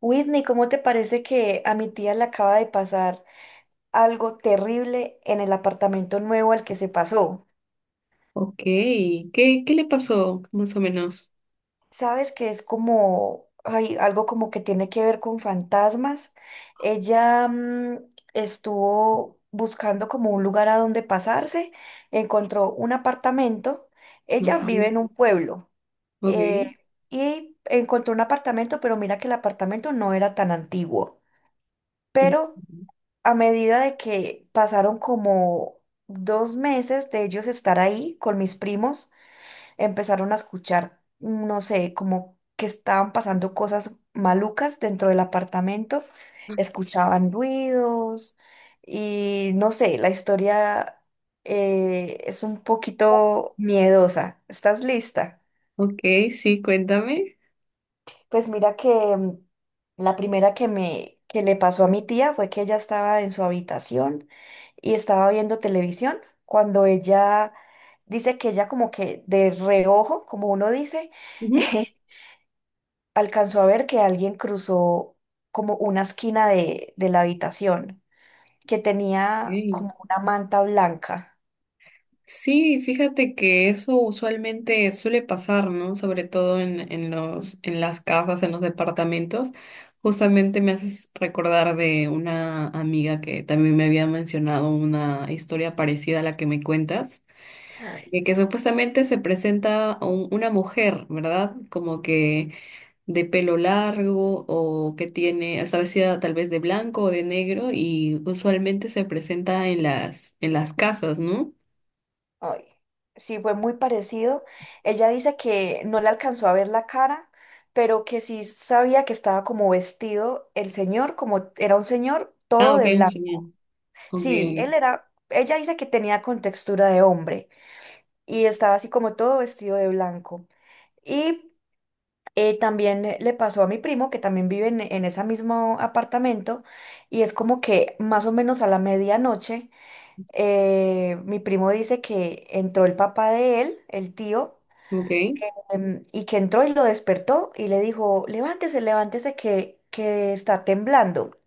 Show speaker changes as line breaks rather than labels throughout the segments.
Whitney, ¿cómo te parece que a mi tía le acaba de pasar algo terrible en el apartamento nuevo al que se pasó?
Ok, ¿qué le pasó más o menos?
Sabes que es como, ay, algo como que tiene que ver con fantasmas. Ella estuvo buscando como un lugar a donde pasarse, encontró un apartamento. Ella vive
Ok,
en un pueblo
ok.
eh, y encontró un apartamento, pero mira que el apartamento no era tan antiguo,
Ujú.
pero a medida de que pasaron como 2 meses de ellos estar ahí con mis primos, empezaron a escuchar, no sé, como que estaban pasando cosas malucas dentro del apartamento, escuchaban ruidos y no sé, la historia es un poquito miedosa. ¿Estás lista?
Ok, sí, cuéntame.
Pues mira que la primera que le pasó a mi tía fue que ella estaba en su habitación y estaba viendo televisión cuando ella dice que ella como que de reojo, como uno dice,
Ujú.
alcanzó a ver que alguien cruzó como una esquina de la habitación que tenía
Ok.
como una manta blanca.
Sí, fíjate que eso usualmente suele pasar, ¿no? Sobre todo en las casas, en los departamentos. Justamente me haces recordar de una amiga que también me había mencionado una historia parecida a la que me cuentas, de que supuestamente se presenta una mujer, ¿verdad? Como que de pelo largo o que tiene, está vestida tal vez de blanco o de negro y usualmente se presenta en las casas, ¿no?
Ay, sí, fue muy parecido. Ella dice que no le alcanzó a ver la cara, pero que sí sabía que estaba como vestido el señor, como era un señor
Ah,
todo
ok,
de
sí,
blanco.
bien. Ok,
Sí, él era, ella dice que tenía contextura de hombre y estaba así como todo vestido de blanco. Y también le pasó a mi primo, que también vive en ese mismo apartamento, y es como que más o menos a la medianoche, mi primo dice que entró el papá de él, el tío,
ok,
y que entró y lo despertó y le dijo, levántese, levántese, que está temblando.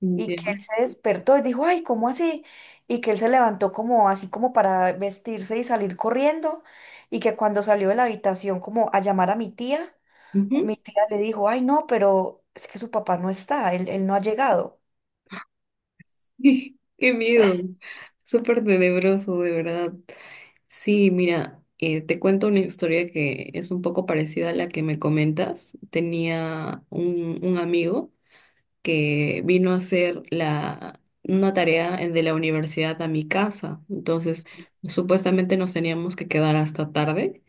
mm,
Y
ya.
que él se despertó y dijo, ay, ¿cómo así? Y que él se levantó como así como para vestirse y salir corriendo. Y que cuando salió de la habitación como a llamar a mi
Ujú.
tía le dijo, ay, no, pero es que su papá no está, él no ha llegado.
Qué miedo. Súper tenebroso, de verdad. Sí, mira, te cuento una historia que es un poco parecida a la que me comentas. Tenía un amigo que vino a hacer una tarea de la universidad a mi casa. Entonces, supuestamente nos teníamos que quedar hasta tarde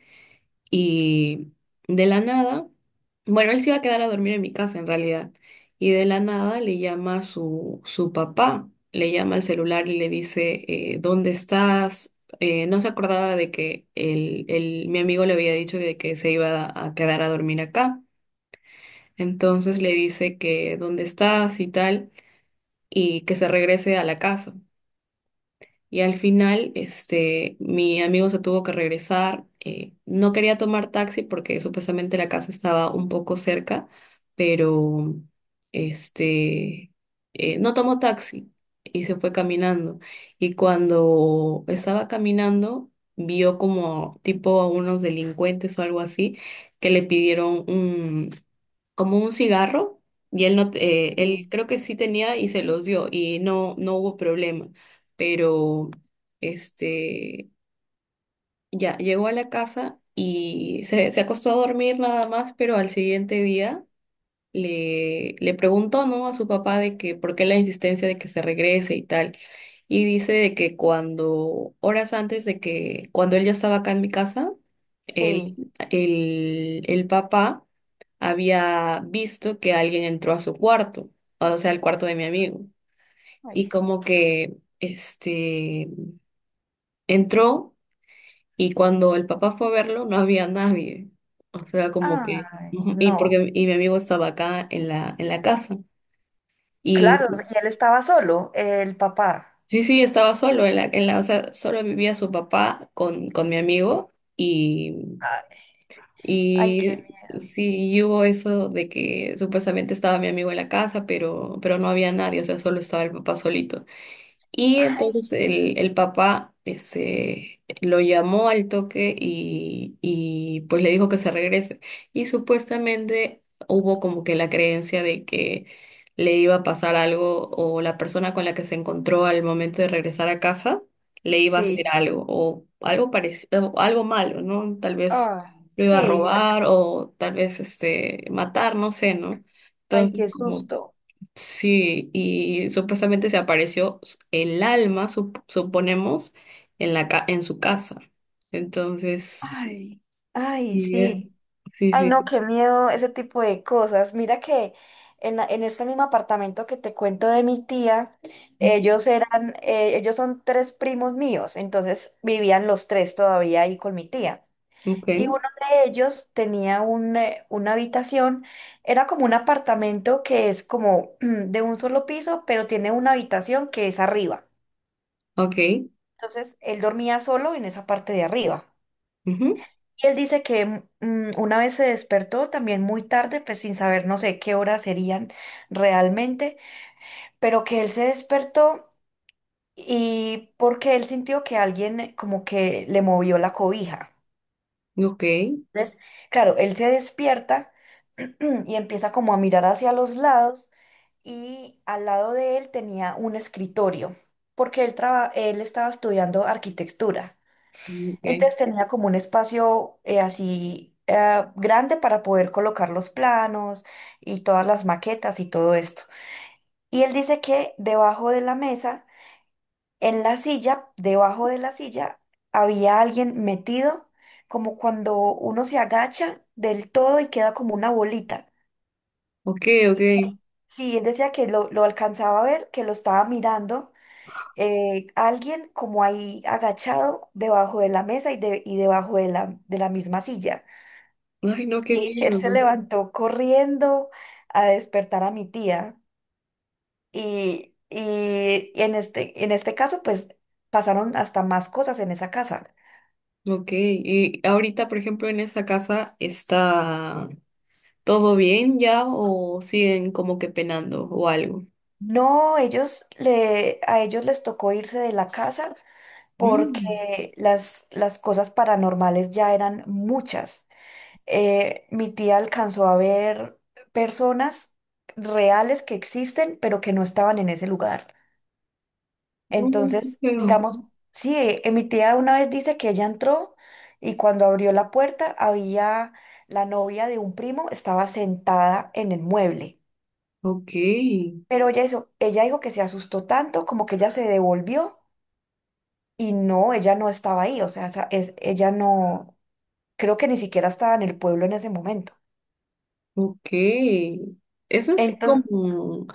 y de la nada, bueno, él se iba a quedar a dormir en mi casa en realidad, y de la nada le llama a su papá, le llama al celular y le dice, ¿dónde estás? No se acordaba de que mi amigo le había dicho de que se iba a quedar a dormir acá. Entonces le dice que dónde estás y tal, y que se regrese a la casa. Y al final, este, mi amigo se tuvo que regresar. No quería tomar taxi porque supuestamente la casa estaba un poco cerca, pero este, no tomó taxi y se fue caminando. Y cuando estaba caminando, vio como tipo a unos delincuentes o algo así, que le pidieron como un cigarro y él no te- él
Sí.
creo que sí tenía y se los dio y no hubo problema. Pero este, ya llegó a la casa y se acostó a dormir nada más, pero al siguiente día le preguntó, ¿no?, a su papá de que por qué la insistencia de que se regrese y tal, y dice de que cuando, horas antes de que, cuando él ya estaba acá en mi casa, el,
Sí.
el papá había visto que alguien entró a su cuarto, o sea, al cuarto de mi amigo. Y
Ay.
como que, este, entró y cuando el papá fue a verlo, no había nadie. O sea, como que,
Ay,
ujú, y
no.
porque, y mi amigo estaba acá en la casa.
Claro, y él estaba solo, el papá.
Sí, sí, estaba solo en la, o sea, solo vivía su papá con mi amigo. Y,
Ay, ay, qué...
y sí, y hubo eso de que supuestamente estaba mi amigo en la casa, pero no había nadie, o sea, solo estaba el papá solito. Y
Ay,
entonces el papá ese, lo llamó al toque y pues le dijo que se regrese. Y supuestamente hubo como que la creencia de que le iba a pasar algo, o la persona con la que se encontró al momento de regresar a casa le iba a hacer
sí.
algo, o algo parecido, algo malo, ¿no? Tal vez
Ah,
lo iba a
sí, ya-
robar o tal vez este, matar, no sé, ¿no?
ay,
Entonces,
qué
como,
susto.
sí, y supuestamente se apareció el alma, suponemos, en en su casa. Entonces,
Ay, ay,
sí, es-
sí.
sí,
Ay, no,
sí.
qué miedo ese tipo de cosas. Mira que en, la- en este mismo apartamento que te cuento de mi tía,
Ujú.
ellos eran, ellos son tres primos míos, entonces vivían los tres todavía ahí con mi tía.
Ok,
Y uno de ellos tenía un, una habitación, era como un apartamento que es como de un solo piso, pero tiene una habitación que es arriba.
ok,
Entonces él dormía solo en esa parte de arriba.
ujú,
Y él dice que una vez se despertó también muy tarde, pues sin saber no sé qué horas serían realmente, pero que él se despertó y porque él sintió que alguien como que le movió la cobija.
ok,
Entonces, claro, él se despierta y empieza como a mirar hacia los lados y al lado de él tenía un escritorio, porque él, traba- él estaba estudiando arquitectura.
ok,
Entonces tenía como un espacio así grande para poder colocar los planos y todas las maquetas y todo esto. Y él dice que debajo de la mesa, en la silla, debajo de la silla, había alguien metido, como cuando uno se agacha del todo y queda como una bolita.
ok, ok.
Sí, él decía que lo alcanzaba a ver, que lo estaba mirando. Alguien como ahí agachado debajo de la mesa y, de- y debajo de la misma silla.
Ay, no, qué
Y él se
miedo.
levantó corriendo a despertar a mi tía. Y en este caso, pues pasaron hasta más cosas en esa casa.
Ok, y ahorita, por ejemplo, en esa casa, ¿está todo bien ya o siguen como que penando o algo?
No, ellos le, a ellos les tocó irse de la casa
Mm,
porque las cosas paranormales ya eran muchas. Mi tía alcanzó a ver personas reales que existen, pero que no estaban en ese lugar.
no, no, no,
Entonces,
pero-
digamos, sí, mi tía una vez dice que ella entró y cuando abrió la puerta había la novia de un primo, estaba sentada en el mueble.
Ok.
Pero ella hizo- ella dijo que se asustó tanto como que ella se devolvió y no, ella no estaba ahí, o sea, esa- es, ella no, creo que ni siquiera estaba en el pueblo en ese momento.
Ok, eso es
Entonces,
como,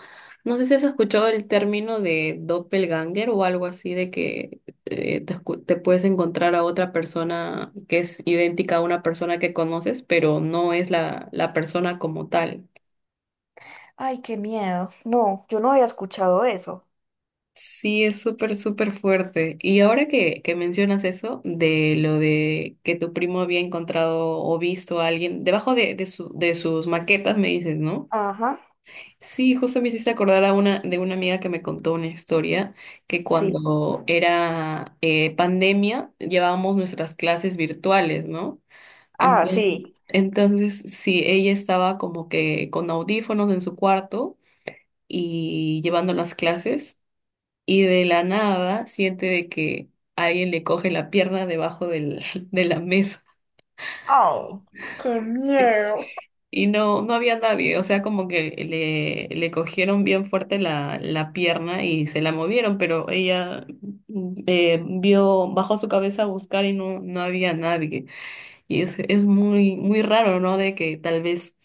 no sé si has escuchado el término de doppelganger o algo así, de que te puedes encontrar a otra persona que es idéntica a una persona que conoces, pero no es la persona como tal.
ay, qué miedo. No, yo no había escuchado eso.
Sí, es súper, súper fuerte. Y ahora que mencionas eso, de lo de que tu primo había encontrado o visto a alguien debajo de sus maquetas, me dices, ¿no?
Ajá,
Sí, justo me hiciste acordar a una, de una amiga que me contó una historia, que
sí.
cuando era pandemia llevábamos nuestras clases virtuales, ¿no?
Ah,
Entonces,
sí.
entonces, sí, ella estaba como que con audífonos en su cuarto y llevando las clases, y de la nada siente de que alguien le coge la pierna debajo de la mesa.
Oh, qué miedo.
Y no, no había nadie, o sea, como que le cogieron bien fuerte la pierna y se la movieron, pero ella vio, bajó su cabeza a buscar y no, no había nadie. Y es muy, muy raro, ¿no? De que tal vez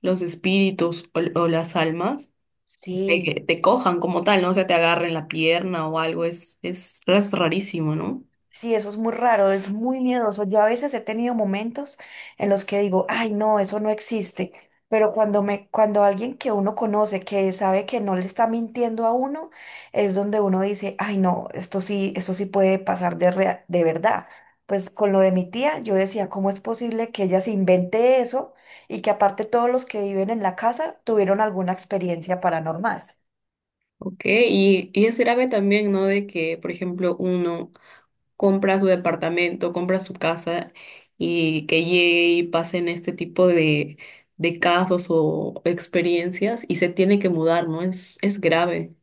los espíritus o las almas
Sí.
te, cojan como tal, ¿no? O sea, te agarren la pierna o algo, es rarísimo, ¿no?
Sí, eso es muy raro, es muy miedoso. Yo a veces he tenido momentos en los que digo, ay, no, eso no existe. Pero cuando me, cuando alguien que uno conoce, que sabe que no le está mintiendo a uno, es donde uno dice, ay, no, esto sí puede pasar de rea- de verdad. Pues con lo de mi tía, yo decía, ¿cómo es posible que ella se invente eso y que aparte todos los que viven en la casa tuvieron alguna experiencia paranormal?
Ok, y es grave también, ¿no? De que, por ejemplo, uno compra su departamento, compra su casa, y que llegue y pasen este tipo de casos o experiencias y se tiene que mudar, ¿no? Es grave.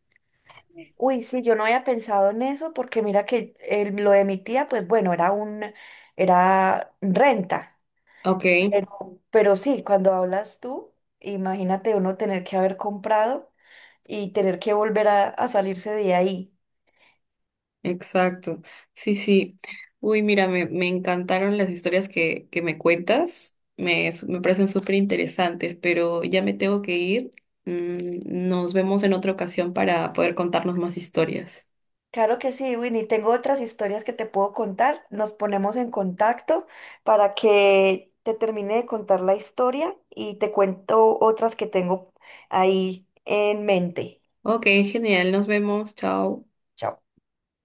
Uy, sí, yo no había pensado en eso porque mira que el- lo de mi tía, pues bueno, era un, era renta,
Ok,
pero sí, cuando hablas tú, imagínate uno tener que haber comprado y tener que volver a salirse de ahí.
exacto. Sí, sí. Uy, mira, me encantaron las historias que me cuentas. Me parecen súper interesantes, pero ya me tengo que ir. Mm, nos vemos en otra ocasión para poder contarnos más historias.
Claro que sí, Winnie, tengo otras historias que te puedo contar. Nos ponemos en contacto para que te termine de contar la historia y te cuento otras que tengo ahí en mente.
Ok, genial. Nos vemos. Chao.
Chao.